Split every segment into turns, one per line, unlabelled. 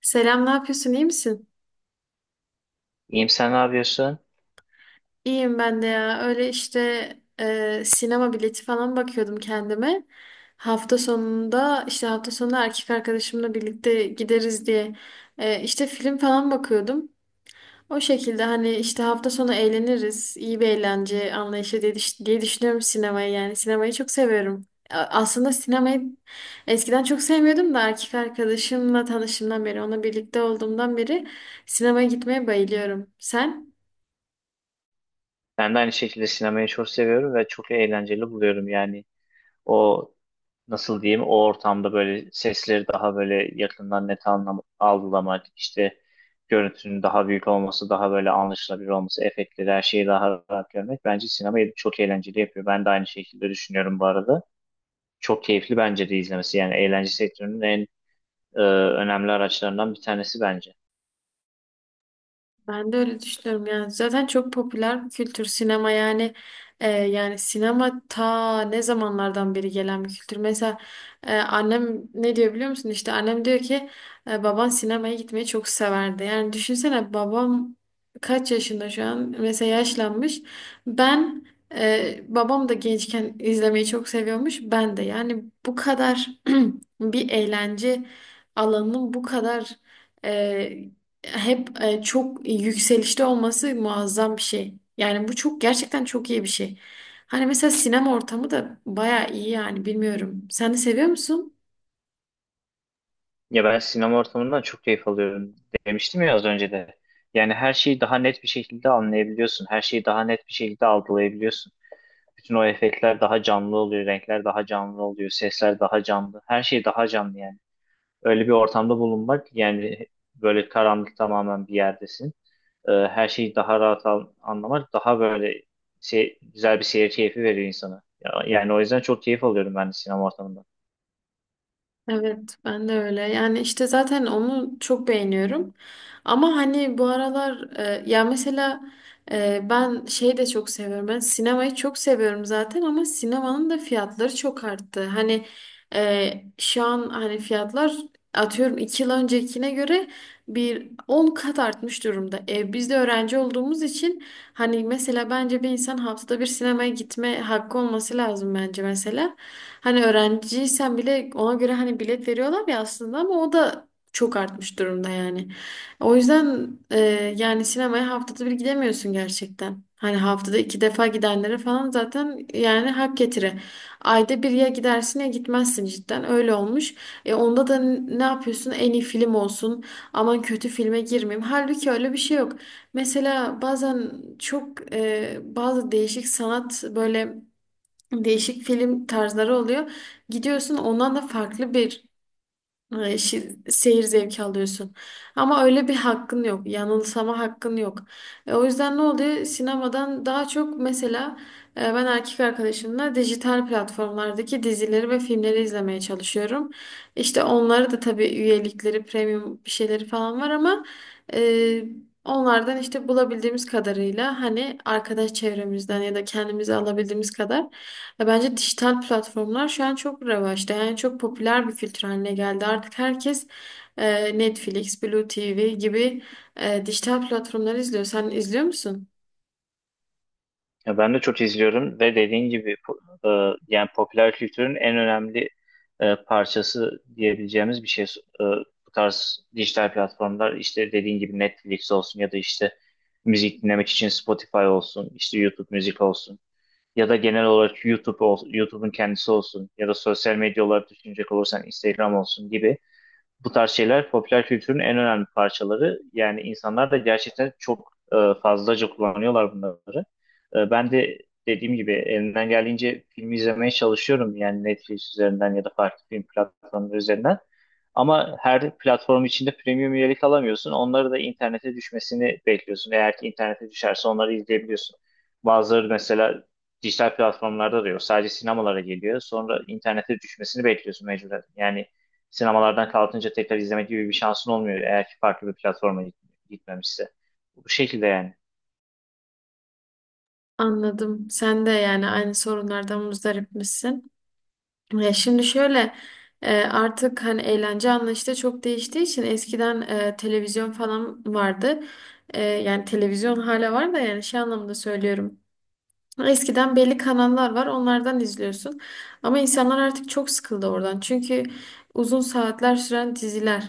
Selam, ne yapıyorsun? İyi misin?
İyiyim, sen ne yapıyorsun?
İyiyim ben de ya. Öyle işte sinema bileti falan bakıyordum kendime. Hafta sonunda işte hafta sonunda erkek arkadaşımla birlikte gideriz diye işte film falan bakıyordum. O şekilde hani işte hafta sonu eğleniriz. İyi bir eğlence anlayışı diye, diye düşünüyorum sinemayı yani. Sinemayı çok seviyorum. Aslında sinemayı eskiden çok sevmiyordum da erkek arkadaşımla tanıştığımdan beri, onunla birlikte olduğumdan beri sinemaya gitmeye bayılıyorum. Sen?
Ben de aynı şekilde sinemayı çok seviyorum ve çok eğlenceli buluyorum. Yani o, nasıl diyeyim, o ortamda böyle sesleri daha böyle yakından net anlam algılamak, işte görüntünün daha büyük olması, daha böyle anlaşılabilir olması, efektleri her şeyi daha rahat görmek bence sinemayı çok eğlenceli yapıyor. Ben de aynı şekilde düşünüyorum bu arada. Çok keyifli bence de izlemesi, yani eğlence sektörünün en e, önemli araçlarından bir tanesi bence.
Ben de öyle düşünüyorum yani zaten çok popüler bir kültür sinema yani yani sinema ta ne zamanlardan beri gelen bir kültür. Mesela annem ne diyor biliyor musun? İşte annem diyor ki baban sinemaya gitmeyi çok severdi. Yani düşünsene babam kaç yaşında şu an mesela yaşlanmış. Ben babam da gençken izlemeyi çok seviyormuş ben de yani bu kadar bir eğlence alanının bu kadar e, hep çok yükselişte olması muazzam bir şey. Yani bu çok gerçekten çok iyi bir şey. Hani mesela sinema ortamı da baya iyi yani bilmiyorum. Sen de seviyor musun?
Ya ben sinema ortamından çok keyif alıyorum, demiştim ya az önce de. Yani her şeyi daha net bir şekilde anlayabiliyorsun. Her şeyi daha net bir şekilde algılayabiliyorsun. Bütün o efektler daha canlı oluyor, renkler daha canlı oluyor, sesler daha canlı. Her şey daha canlı yani. Öyle bir ortamda bulunmak, yani böyle karanlık tamamen bir yerdesin. Her şeyi daha rahat anlamak daha böyle güzel bir seyir keyfi veriyor insana. Yani o yüzden çok keyif alıyorum ben de sinema ortamından.
Evet, ben de öyle. Yani işte zaten onu çok beğeniyorum. Ama hani bu aralar ya mesela ben şeyi de çok seviyorum. Ben sinemayı çok seviyorum zaten ama sinemanın da fiyatları çok arttı. Hani e, şu an hani fiyatlar atıyorum 2 yıl öncekine göre bir 10 kat artmış durumda. Biz de öğrenci olduğumuz için hani mesela bence bir insan haftada bir sinemaya gitme hakkı olması lazım bence mesela. Hani öğrenciysen bile ona göre hani bilet veriyorlar ya aslında ama o da çok artmış durumda yani. O yüzden yani sinemaya haftada bir gidemiyorsun gerçekten. Hani haftada iki defa gidenlere falan zaten yani hak getire. Ayda bir ya gidersin ya gitmezsin cidden öyle olmuş. E onda da ne yapıyorsun? En iyi film olsun. Aman kötü filme girmeyeyim. Halbuki öyle bir şey yok. Mesela bazen çok bazı değişik sanat böyle değişik film tarzları oluyor. Gidiyorsun ondan da farklı bir Ay, seyir zevki alıyorsun. Ama öyle bir hakkın yok. Yanılsama hakkın yok. O yüzden ne oluyor? Sinemadan daha çok mesela ben erkek arkadaşımla dijital platformlardaki dizileri ve filmleri izlemeye çalışıyorum. İşte onları da tabii üyelikleri, premium bir şeyleri falan var ama e, onlardan işte bulabildiğimiz kadarıyla hani arkadaş çevremizden ya da kendimize alabildiğimiz kadar ya bence dijital platformlar şu an çok revaçta. Yani çok popüler bir filtre haline geldi. Artık herkes Netflix, Blue TV gibi dijital platformları izliyor. Sen izliyor musun?
Ya ben de çok izliyorum ve dediğin gibi yani popüler kültürün en önemli parçası diyebileceğimiz bir şey. E, Bu tarz dijital platformlar, işte dediğin gibi Netflix olsun ya da işte müzik dinlemek için Spotify olsun, işte YouTube müzik olsun ya da genel olarak YouTube'un kendisi olsun ya da sosyal medya olarak düşünecek olursan Instagram olsun gibi bu tarz şeyler popüler kültürün en önemli parçaları. Yani insanlar da gerçekten çok fazlaca kullanıyorlar bunları. Ben de dediğim gibi elimden geldiğince film izlemeye çalışıyorum. Yani Netflix üzerinden ya da farklı film platformları üzerinden. Ama her platform içinde premium üyelik alamıyorsun. Onları da internete düşmesini bekliyorsun. Eğer ki internete düşerse onları izleyebiliyorsun. Bazıları mesela dijital platformlarda da yok. Sadece sinemalara geliyor. Sonra internete düşmesini bekliyorsun mecburen. Yani sinemalardan kalkınca tekrar izlemek gibi bir şansın olmuyor eğer ki farklı bir platforma gitmemişse. Bu şekilde yani.
Anladım. Sen de yani aynı sorunlardan muzdarip misin? Şimdi şöyle artık hani eğlence anlayışı da çok değiştiği için eskiden televizyon falan vardı. Yani televizyon hala var da yani şey anlamında söylüyorum. Eskiden belli kanallar var, onlardan izliyorsun. Ama insanlar artık çok sıkıldı oradan. Çünkü uzun saatler süren diziler.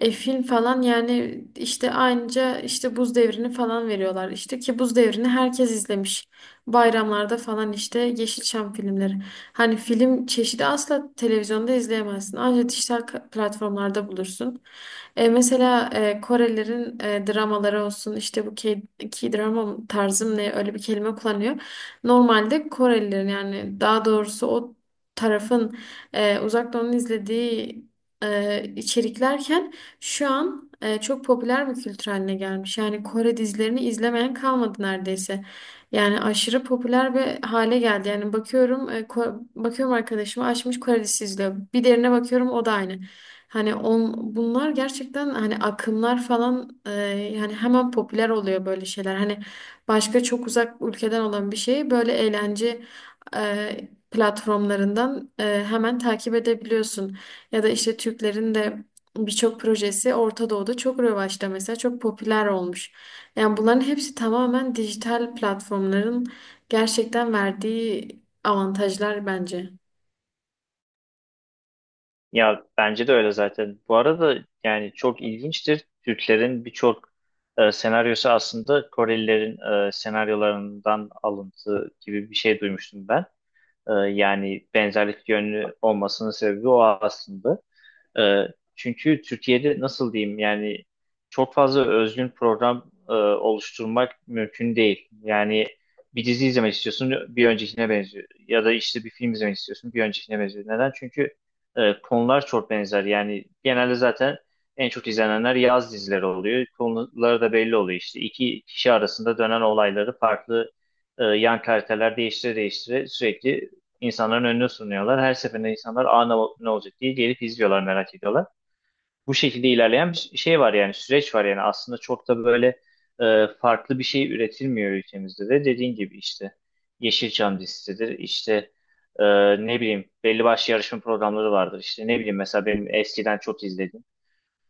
Film falan yani işte aynıca işte Buz Devri'ni falan veriyorlar. İşte ki Buz Devri'ni herkes izlemiş. Bayramlarda falan işte Yeşilçam filmleri. Hani film çeşidi asla televizyonda izleyemezsin. Ancak dijital platformlarda bulursun. Mesela Korelilerin dramaları olsun işte bu K-drama tarzım ne öyle bir kelime kullanıyor. Normalde Korelilerin yani daha doğrusu o tarafın Uzak Doğu'nun izlediği içeriklerken şu an çok popüler bir kültür haline gelmiş. Yani Kore dizilerini izlemeyen kalmadı neredeyse. Yani aşırı popüler bir hale geldi. Yani bakıyorum bakıyorum arkadaşıma açmış Kore dizisi izliyor. Bir derine bakıyorum o da aynı. Hani on, bunlar gerçekten hani akımlar falan yani hemen popüler oluyor böyle şeyler. Hani başka çok uzak ülkeden olan bir şeyi böyle eğlence platformlarından hemen takip edebiliyorsun. Ya da işte Türklerin de birçok projesi Orta Doğu'da çok revaçta mesela çok popüler olmuş. Yani bunların hepsi tamamen dijital platformların gerçekten verdiği avantajlar bence.
Ya bence de öyle zaten. Bu arada yani çok ilginçtir, Türklerin birçok senaryosu aslında Korelilerin senaryolarından alıntı gibi bir şey duymuştum ben. Yani benzerlik yönlü olmasının sebebi o aslında. E, Çünkü Türkiye'de nasıl diyeyim yani çok fazla özgün program oluşturmak mümkün değil. Yani bir dizi izlemek istiyorsun, bir öncekine benziyor. Ya da işte bir film izlemek istiyorsun, bir öncekine benziyor. Neden? Çünkü konular çok benzer. Yani genelde zaten en çok izlenenler yaz dizileri oluyor. Konuları da belli oluyor işte. İki kişi arasında dönen olayları farklı yan karakterler değiştire değiştire sürekli insanların önüne sunuyorlar. Her seferinde insanlar, aa, ne olacak diye gelip izliyorlar, merak ediyorlar. Bu şekilde ilerleyen bir şey var, yani süreç var. Yani aslında çok da böyle farklı bir şey üretilmiyor ülkemizde de, dediğin gibi işte Yeşilçam dizisidir, işte e, ne bileyim, belli başlı yarışma programları vardır, işte ne bileyim, mesela benim eskiden çok izlediğim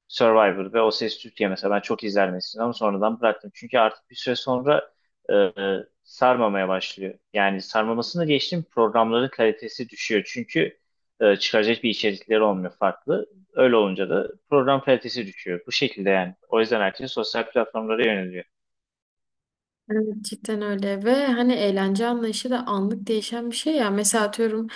Survivor ve O Ses Türkiye mesela, ben çok izlerdim eskiden ama sonradan bıraktım. Çünkü artık bir süre sonra e, e, sarmamaya başlıyor. Yani sarmamasını geçtim, programların kalitesi düşüyor. Çünkü çıkaracak bir içerikleri olmuyor farklı. Öyle olunca da program kalitesi düşüyor. Bu şekilde yani. O yüzden herkes sosyal platformlara yöneliyor.
Evet, cidden öyle ve hani eğlence anlayışı da anlık değişen bir şey ya. Mesela atıyorum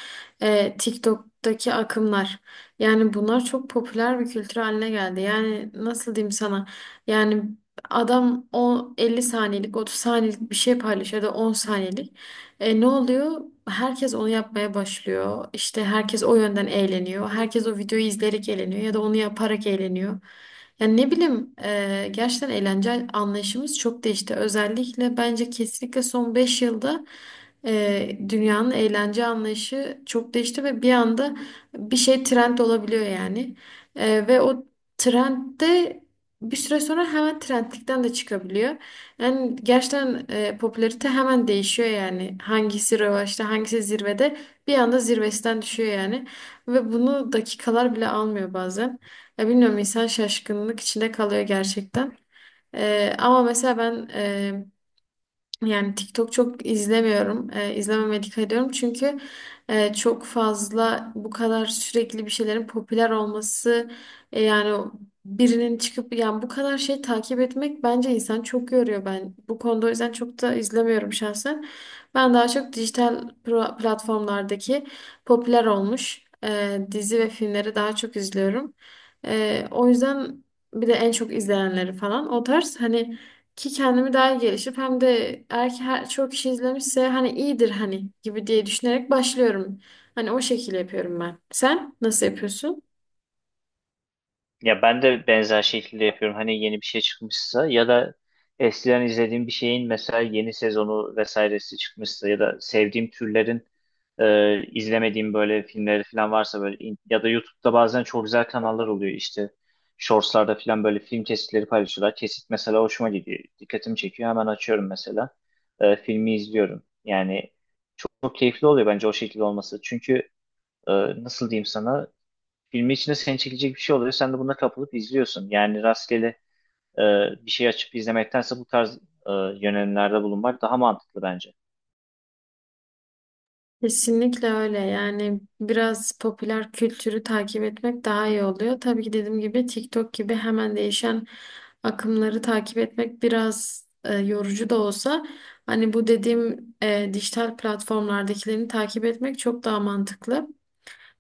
TikTok'taki akımlar. Yani bunlar çok popüler bir kültür haline geldi. Yani nasıl diyeyim sana? Yani adam o 50 saniyelik, 30 saniyelik bir şey paylaşıyor ya da 10 saniyelik. Ne oluyor? Herkes onu yapmaya başlıyor. İşte herkes o yönden eğleniyor. Herkes o videoyu izleyerek eğleniyor ya da onu yaparak eğleniyor. Yani ne bileyim gerçekten eğlence anlayışımız çok değişti. Özellikle bence kesinlikle son 5 yılda dünyanın eğlence anlayışı çok değişti ve bir anda bir şey trend olabiliyor yani. Ve o trend bir süre sonra hemen trendlikten de çıkabiliyor. Yani gerçekten popülarite hemen değişiyor yani. Hangisi revaçta, hangisi zirvede bir anda zirvesinden düşüyor yani. Ve bunu dakikalar bile almıyor bazen. Ya bilmiyorum insan şaşkınlık içinde kalıyor gerçekten. Ama mesela ben yani TikTok çok izlemiyorum. İzlememeye dikkat ediyorum. Çünkü çok fazla bu kadar sürekli bir şeylerin popüler olması yani o birinin çıkıp yani bu kadar şey takip etmek bence insan çok yoruyor ben. Bu konuda o yüzden çok da izlemiyorum şahsen. Ben daha çok dijital platformlardaki popüler olmuş dizi ve filmleri daha çok izliyorum. O yüzden bir de en çok izleyenleri falan o tarz hani ki kendimi daha iyi gelişip hem de eğer ki her, çok kişi izlemişse hani iyidir hani gibi diye düşünerek başlıyorum. Hani o şekilde yapıyorum ben. Sen nasıl yapıyorsun?
Ya ben de benzer şekilde yapıyorum. Hani yeni bir şey çıkmışsa ya da eskiden izlediğim bir şeyin mesela yeni sezonu vesairesi çıkmışsa ya da sevdiğim türlerin izlemediğim böyle filmleri falan varsa, böyle ya da YouTube'da bazen çok güzel kanallar oluyor, işte Shorts'larda falan böyle film kesitleri paylaşıyorlar. Kesit mesela hoşuma gidiyor, dikkatimi çekiyor, hemen açıyorum mesela. Filmi izliyorum. Yani çok keyifli oluyor bence o şekilde olması. Çünkü e, nasıl diyeyim sana, filmi içinde seni çekecek bir şey oluyor. Sen de buna kapılıp izliyorsun. Yani rastgele e, bir şey açıp izlemektense bu tarz e, yönelimlerde bulunmak daha mantıklı bence.
Kesinlikle öyle. Yani biraz popüler kültürü takip etmek daha iyi oluyor. Tabii ki dediğim gibi TikTok gibi hemen değişen akımları takip etmek biraz yorucu da olsa hani bu dediğim dijital platformlardakilerini takip etmek çok daha mantıklı.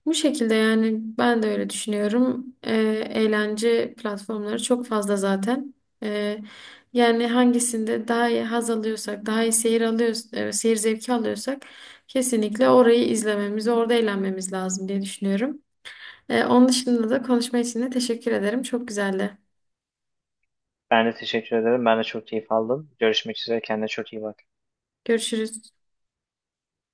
Bu şekilde yani ben de öyle düşünüyorum. Eğlence platformları çok fazla zaten. Ee, Yani hangisinde daha iyi haz alıyorsak, daha iyi seyir alıyoruz, seyir zevki alıyorsak kesinlikle orayı izlememiz, orada eğlenmemiz lazım diye düşünüyorum. Onun dışında da konuşma için de teşekkür ederim. Çok güzeldi.
Ben de teşekkür ederim. Ben de çok keyif aldım. Görüşmek üzere. Kendine çok iyi bak.
Görüşürüz.